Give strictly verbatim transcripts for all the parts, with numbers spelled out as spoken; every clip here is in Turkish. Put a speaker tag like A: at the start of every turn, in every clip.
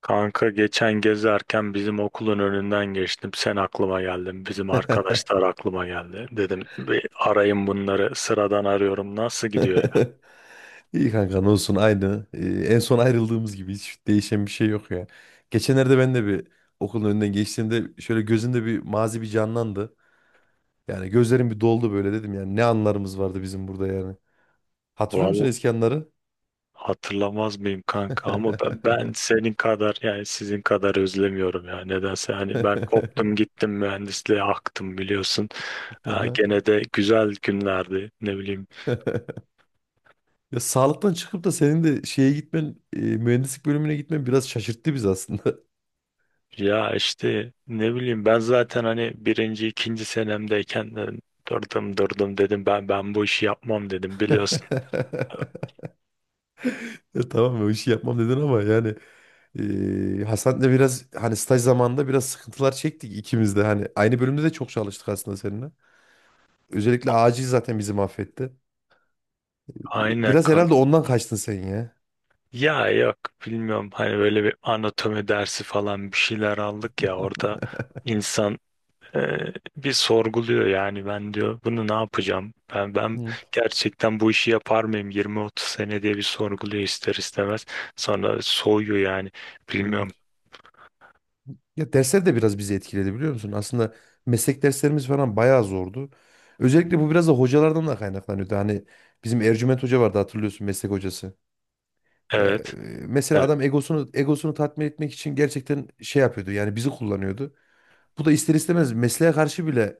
A: Kanka geçen gezerken bizim okulun önünden geçtim. Sen aklıma geldin. Bizim arkadaşlar aklıma geldi. Dedim bir arayın bunları. Sıradan arıyorum. Nasıl gidiyor ya?
B: İyi kanka ne olsun aynı. Ee, en son ayrıldığımız gibi hiç değişen bir şey yok ya. Geçenlerde ben de bir okulun önünden geçtiğimde şöyle gözümde bir mazi bir canlandı. Yani gözlerim bir doldu böyle dedim yani ne anlarımız vardı bizim burada yani. Hatırlıyor musun
A: Vallahi
B: eski anları?
A: hatırlamaz mıyım kanka? Ama ben, ben senin kadar yani sizin kadar özlemiyorum ya. Nedense hani ben koptum gittim mühendisliğe aktım biliyorsun. Ha,
B: Aha.
A: gene de güzel günlerdi. Ne bileyim.
B: Ya sağlıktan çıkıp da senin de şeye gitmen, e, mühendislik bölümüne gitmen biraz şaşırttı bizi aslında.
A: Ya işte ne bileyim ben zaten hani birinci ikinci senemdeyken de durdum durdum dedim ben ben bu işi yapmam dedim biliyorsun.
B: Ya tamam o işi yapmam dedin ama yani eee Hasan'la biraz hani staj zamanında biraz sıkıntılar çektik ikimiz de. Hani aynı bölümde de çok çalıştık aslında seninle. Özellikle acil zaten bizi mahvetti. E,
A: Aynen
B: Biraz herhalde
A: kanka.
B: ondan kaçtın sen ya.
A: Ya yok, bilmiyorum hani böyle bir anatomi dersi falan bir şeyler aldık ya orada insan e, bir sorguluyor yani ben diyor bunu ne yapacağım? Ben ben
B: Hı,
A: gerçekten bu işi yapar mıyım yirmi otuz sene diye bir sorguluyor ister istemez. Sonra soğuyor yani
B: hı.
A: bilmiyorum.
B: Ya dersler de biraz bizi etkiledi biliyor musun? Aslında meslek derslerimiz falan bayağı zordu. Özellikle bu biraz da hocalardan da kaynaklanıyordu. Hani bizim Ercüment Hoca vardı hatırlıyorsun meslek hocası. Ya
A: Evet.
B: e, mesela
A: Evet.
B: adam egosunu egosunu tatmin etmek için gerçekten şey yapıyordu. Yani bizi kullanıyordu. Bu da ister istemez mesleğe karşı bile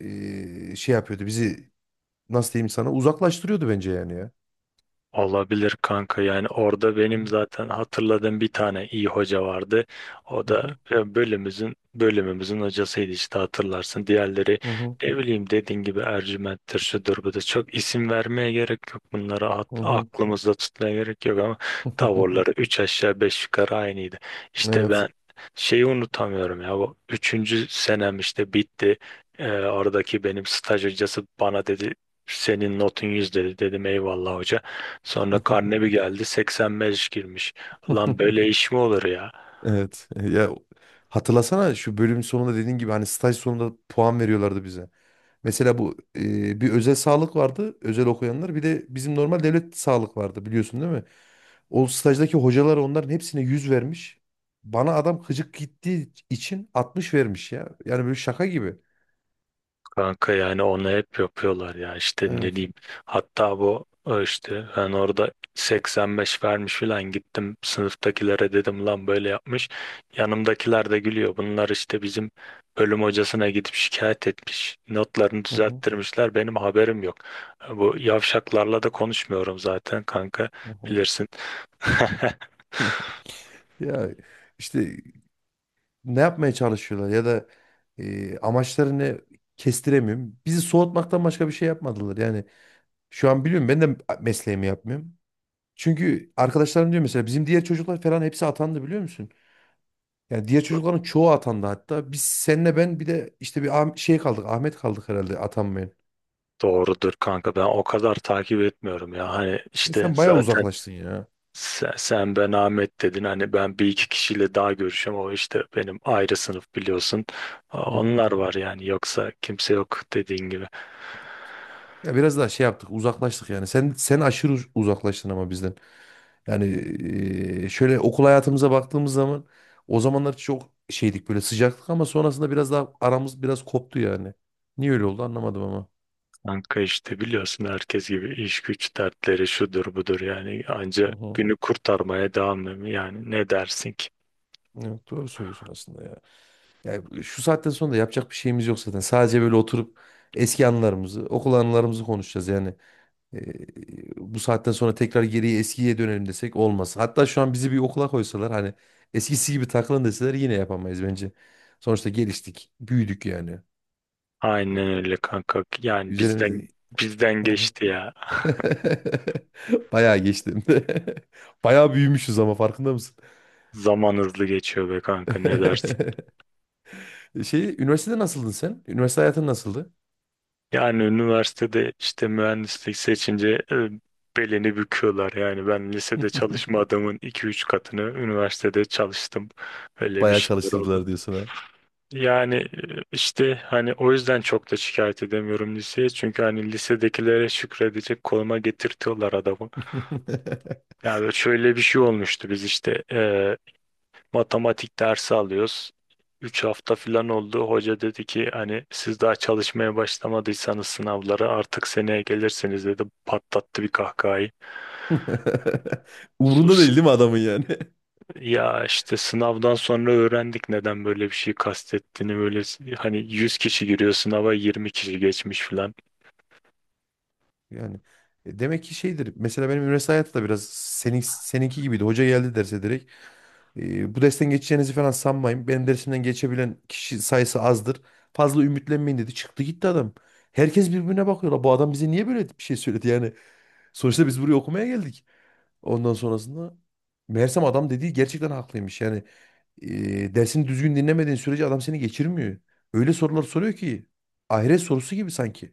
B: eee, şey yapıyordu. Bizi nasıl diyeyim sana uzaklaştırıyordu bence yani ya.
A: Olabilir kanka yani orada benim zaten hatırladığım bir tane iyi hoca vardı. O da
B: Mhm,
A: e, bölümümüzün bölümümüzün hocasıydı işte hatırlarsın. Diğerleri
B: mhm,
A: ne bileyim dediğin gibi Ercüment'tir şudur budur. Çok isim vermeye gerek yok. Bunları at-
B: mhm.
A: aklımızda tutmaya gerek yok ama tavırları üç aşağı beş yukarı aynıydı. İşte
B: Evet.
A: ben şeyi unutamıyorum ya bu üçüncü senem işte bitti. E, oradaki benim staj hocası bana dedi senin notun yüz dedi dedim eyvallah hoca. Sonra karne bir geldi seksen beş girmiş. Lan böyle iş mi olur ya?
B: Evet. Ya hatırlasana şu bölüm sonunda dediğin gibi hani staj sonunda puan veriyorlardı bize. Mesela bu e, bir özel sağlık vardı. Özel okuyanlar. Bir de bizim normal devlet sağlık vardı biliyorsun değil mi? O stajdaki hocalar onların hepsine yüz vermiş. Bana adam gıcık gittiği için altmış vermiş ya. Yani böyle şaka gibi.
A: Kanka yani onu hep yapıyorlar ya işte ne
B: Evet.
A: diyeyim. Hatta bu o işte ben orada seksen beş vermiş falan gittim sınıftakilere dedim lan böyle yapmış. Yanımdakiler de gülüyor. Bunlar işte bizim bölüm hocasına gidip şikayet etmiş. Notlarını
B: Hı hı,
A: düzelttirmişler. Benim haberim yok. Bu yavşaklarla da konuşmuyorum zaten kanka,
B: hı hı.
A: bilirsin.
B: Ya işte ne yapmaya çalışıyorlar ya da e, amaçlarını kestiremiyorum. Bizi soğutmaktan başka bir şey yapmadılar. Yani şu an biliyorum ben de mesleğimi yapmıyorum. Çünkü arkadaşlarım diyor mesela bizim diğer çocuklar falan hepsi atandı biliyor musun? Yani diğer çocukların çoğu atandı hatta. Biz senle ben bir de işte bir Ah- şey kaldık. Ahmet kaldık herhalde atanmayan.
A: Doğrudur kanka, ben o kadar takip etmiyorum ya hani
B: E
A: işte
B: sen bayağı
A: zaten
B: uzaklaştın ya.
A: sen, sen ben Ahmet dedin hani ben bir iki kişiyle daha görüşüyorum o işte benim ayrı sınıf biliyorsun
B: Hı hı.
A: onlar var yani yoksa kimse yok dediğin gibi.
B: Ya biraz daha şey yaptık uzaklaştık yani. Sen sen aşırı uz- uzaklaştın ama bizden. Yani e, şöyle okul hayatımıza baktığımız zaman o zamanlar çok şeydik böyle sıcaktık ama sonrasında biraz daha aramız biraz koptu yani. Niye öyle oldu anlamadım ama.
A: Kanka işte biliyorsun herkes gibi iş güç dertleri şudur budur yani
B: Hı
A: anca
B: hı.
A: günü kurtarmaya devam ediyorum yani ne dersin ki?
B: Evet doğru söylüyorsun aslında ya. Yani şu saatten sonra da yapacak bir şeyimiz yok zaten. Sadece böyle oturup eski anılarımızı, okul anılarımızı konuşacağız yani. Ee, Bu saatten sonra tekrar geriye eskiye dönelim desek olmaz. Hatta şu an bizi bir okula koysalar hani eskisi gibi takılın deseler yine yapamayız bence. Sonuçta geliştik, büyüdük yani.
A: Aynen öyle kanka yani bizden
B: Üzerimizde.
A: bizden
B: Hı hı.
A: geçti ya.
B: Bayağı geçtim. Bayağı büyümüşüz ama farkında mısın?
A: Zaman hızlı geçiyor be kanka, ne dersin?
B: Şey, üniversitede nasıldın sen? Üniversite hayatın nasıldı?
A: Yani üniversitede işte mühendislik seçince e, belini büküyorlar. Yani ben lisede çalışma adamın iki üç katını üniversitede çalıştım. Öyle bir
B: Bayağı
A: şeyler oldu.
B: çalıştırdılar diyorsun.
A: Yani e, işte hani o yüzden çok da şikayet edemiyorum liseye. Çünkü hani lisedekilere şükredecek konuma getirtiyorlar adamı. Yani şöyle bir şey olmuştu, biz işte e, Matematik dersi alıyoruz. Üç hafta falan oldu. Hoca dedi ki hani siz daha çalışmaya başlamadıysanız sınavlara artık seneye gelirsiniz dedi. Patlattı bir kahkahayı.
B: Umurunda
A: Sus.
B: değil değil mi adamın yani?
A: Ya işte sınavdan sonra öğrendik neden böyle bir şey kastettiğini. Böyle hani yüz kişi giriyor sınava yirmi kişi geçmiş falan.
B: Yani e, demek ki şeydir. Mesela benim üniversite hayatı da biraz senin, seninki gibiydi. Hoca geldi derse direkt. E, bu dersten geçeceğinizi falan sanmayın. Benim dersimden geçebilen kişi sayısı azdır. Fazla ümitlenmeyin dedi. Çıktı gitti adam. Herkes birbirine bakıyor. "La, bu adam bize niye böyle bir şey söyledi? Yani sonuçta biz buraya okumaya geldik. Ondan sonrasında meğersem adam dediği gerçekten haklıymış. Yani e, dersini düzgün dinlemediğin sürece adam seni geçirmiyor. Öyle sorular soruyor ki ahiret sorusu gibi sanki.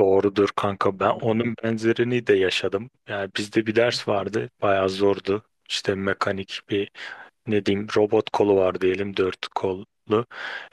A: Doğrudur kanka, ben onun benzerini de yaşadım. Yani bizde bir ders vardı, bayağı zordu. İşte mekanik bir ne diyeyim robot kolu var diyelim, dört kollu.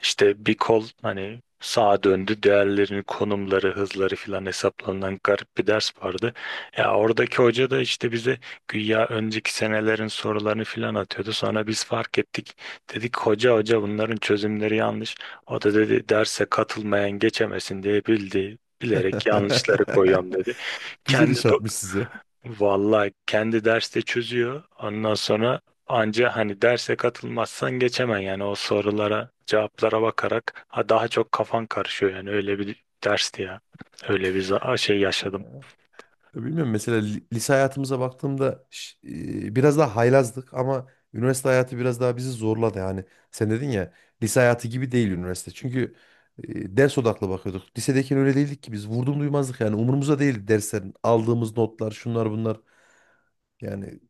A: İşte bir kol hani sağa döndü, diğerlerinin konumları hızları filan hesaplanan garip bir ders vardı. Ya oradaki hoca da işte bize güya önceki senelerin sorularını filan atıyordu. Sonra biz fark ettik. Dedik hoca hoca bunların çözümleri yanlış. O da dedi derse katılmayan geçemesin diye bildi. Bilerek yanlışları koyuyorum dedi.
B: Güzel
A: Kendi
B: iş
A: do-
B: atmış size.
A: Vallahi kendi derste çözüyor. Ondan sonra anca hani derse katılmazsan geçemen yani o sorulara, cevaplara bakarak ha daha çok kafan karışıyor yani öyle bir dersti ya. Öyle bir za- şey yaşadım.
B: Ya bilmiyorum mesela li- lise hayatımıza baktığımda ş- e, biraz daha haylazdık ama üniversite hayatı biraz daha bizi zorladı yani. Sen dedin ya lise hayatı gibi değil üniversite. Çünkü e, ders odaklı bakıyorduk. Lisedeyken öyle değildik ki biz vurdum duymazdık yani umurumuzda değildi derslerin aldığımız notlar şunlar bunlar yani.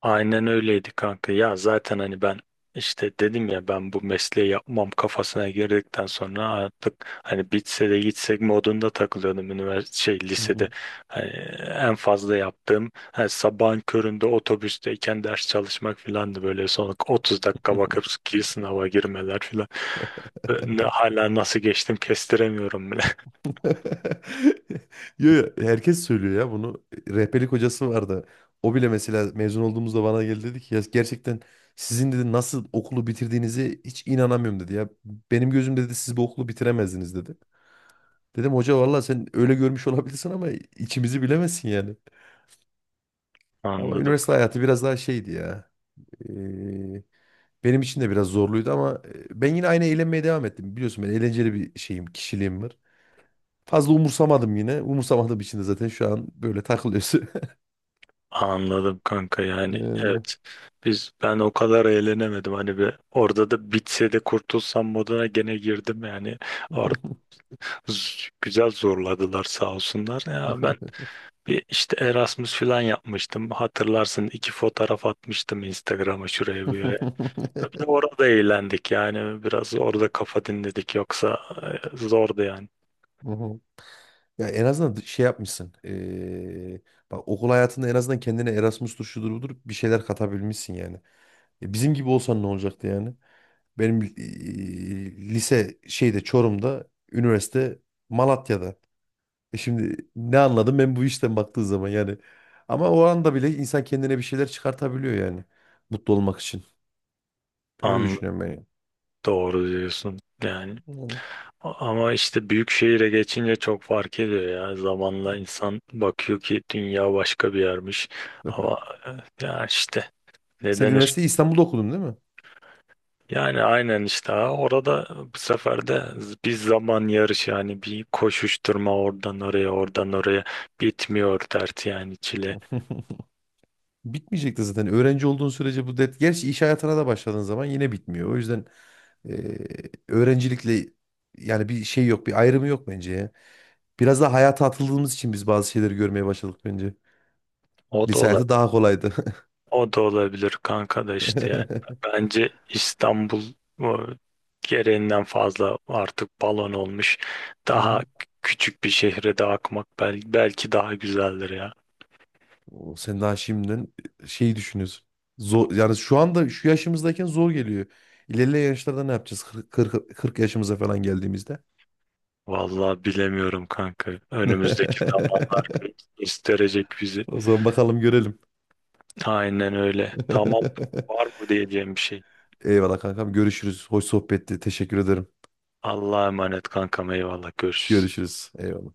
A: Aynen öyleydi kanka. Ya zaten hani ben işte dedim ya ben bu mesleği yapmam kafasına girdikten sonra artık hani bitse de gitsek modunda takılıyordum üniversite şey
B: Hı
A: lisede.
B: hı.
A: Hani en fazla yaptığım hani sabahın köründe otobüsteyken ders çalışmak filandı, böyle son otuz dakika bakıp ki sınava girmeler filan. Ne- Hala nasıl geçtim kestiremiyorum bile.
B: Yo, yo, herkes söylüyor ya bunu. Rehberlik hocası vardı. O bile mesela mezun olduğumuzda bana geldi dedi ki ya gerçekten sizin dedi nasıl okulu bitirdiğinizi hiç inanamıyorum dedi ya. Benim gözümde dedi siz bu okulu bitiremezdiniz dedi. Dedim hoca valla sen öyle görmüş olabilirsin ama içimizi bilemezsin yani. Ama
A: Anladım.
B: üniversite hayatı biraz daha şeydi ya. Ee, Benim için de biraz zorluydu ama e, ben yine aynı eğlenmeye devam ettim. Biliyorsun ben eğlenceli bir şeyim, kişiliğim var. Fazla umursamadım yine. Umursamadığım için de zaten şu an böyle takılıyorsun.
A: Anladım kanka yani
B: Yani.
A: evet, biz ben o kadar eğlenemedim hani bir orada da bitse de kurtulsam moduna gene girdim yani orada z- güzel zorladılar sağ olsunlar ya ben bir işte Erasmus falan yapmıştım hatırlarsın iki fotoğraf atmıştım Instagram'a şuraya bu yere, bir de orada eğlendik yani biraz orada kafa dinledik yoksa e, zordu yani.
B: Hı. Ya en azından şey yapmışsın. Ee, bak okul hayatında en azından kendine Erasmus'tur şudur budur bir şeyler katabilmişsin yani. Ya bizim gibi olsan ne olacaktı yani? Benim ee, lise şeyde Çorum'da, üniversite Malatya'da. E şimdi ne anladım ben bu işten baktığı zaman yani. Ama o anda bile insan kendine bir şeyler çıkartabiliyor yani. Mutlu olmak için. Öyle
A: an
B: düşünüyorum ben. Yani.
A: doğru diyorsun yani.
B: Yani.
A: Ama işte büyük şehire geçince çok fark ediyor ya. Zamanla insan bakıyor ki dünya başka bir yermiş. Ama e, ya işte ne
B: Sen
A: denir?
B: üniversiteyi İstanbul'da okudun değil mi?
A: Yani aynen işte ha, orada bu sefer de z- bir zaman yarışı yani bir koşuşturma oradan oraya oradan oraya, bitmiyor dert yani çile.
B: Bitmeyecekti zaten. Öğrenci olduğun sürece bu dert. Gerçi iş hayatına da başladığın zaman yine bitmiyor. O yüzden eee, öğrencilikle yani bir şey yok, bir ayrımı yok bence ya. Biraz da hayata atıldığımız için biz bazı şeyleri görmeye başladık bence.
A: O
B: Lise
A: da
B: hayatı daha kolaydı.
A: O da olabilir kanka da işte yani. Bence İstanbul o, gereğinden fazla artık balon olmuş.
B: Hı
A: Daha
B: hı.
A: küçük bir şehre de akmak bel- belki daha güzeldir ya.
B: O, sen daha şimdiden şeyi düşünüyorsun. Zor, yani şu anda şu yaşımızdayken zor geliyor. İlerleyen yaşlarda ne yapacağız? kırk, kırk yaşımıza falan geldiğimizde.
A: Vallahi bilemiyorum kanka. Önümüzdeki zamanlar gösterecek bizi.
B: O zaman bakalım görelim.
A: Aynen öyle. Tamam. Var mı diyeceğim bir şey?
B: Eyvallah kankam. Görüşürüz. Hoş sohbetti. Teşekkür ederim.
A: Allah'a emanet kankam, eyvallah görüşürüz.
B: Görüşürüz. Eyvallah.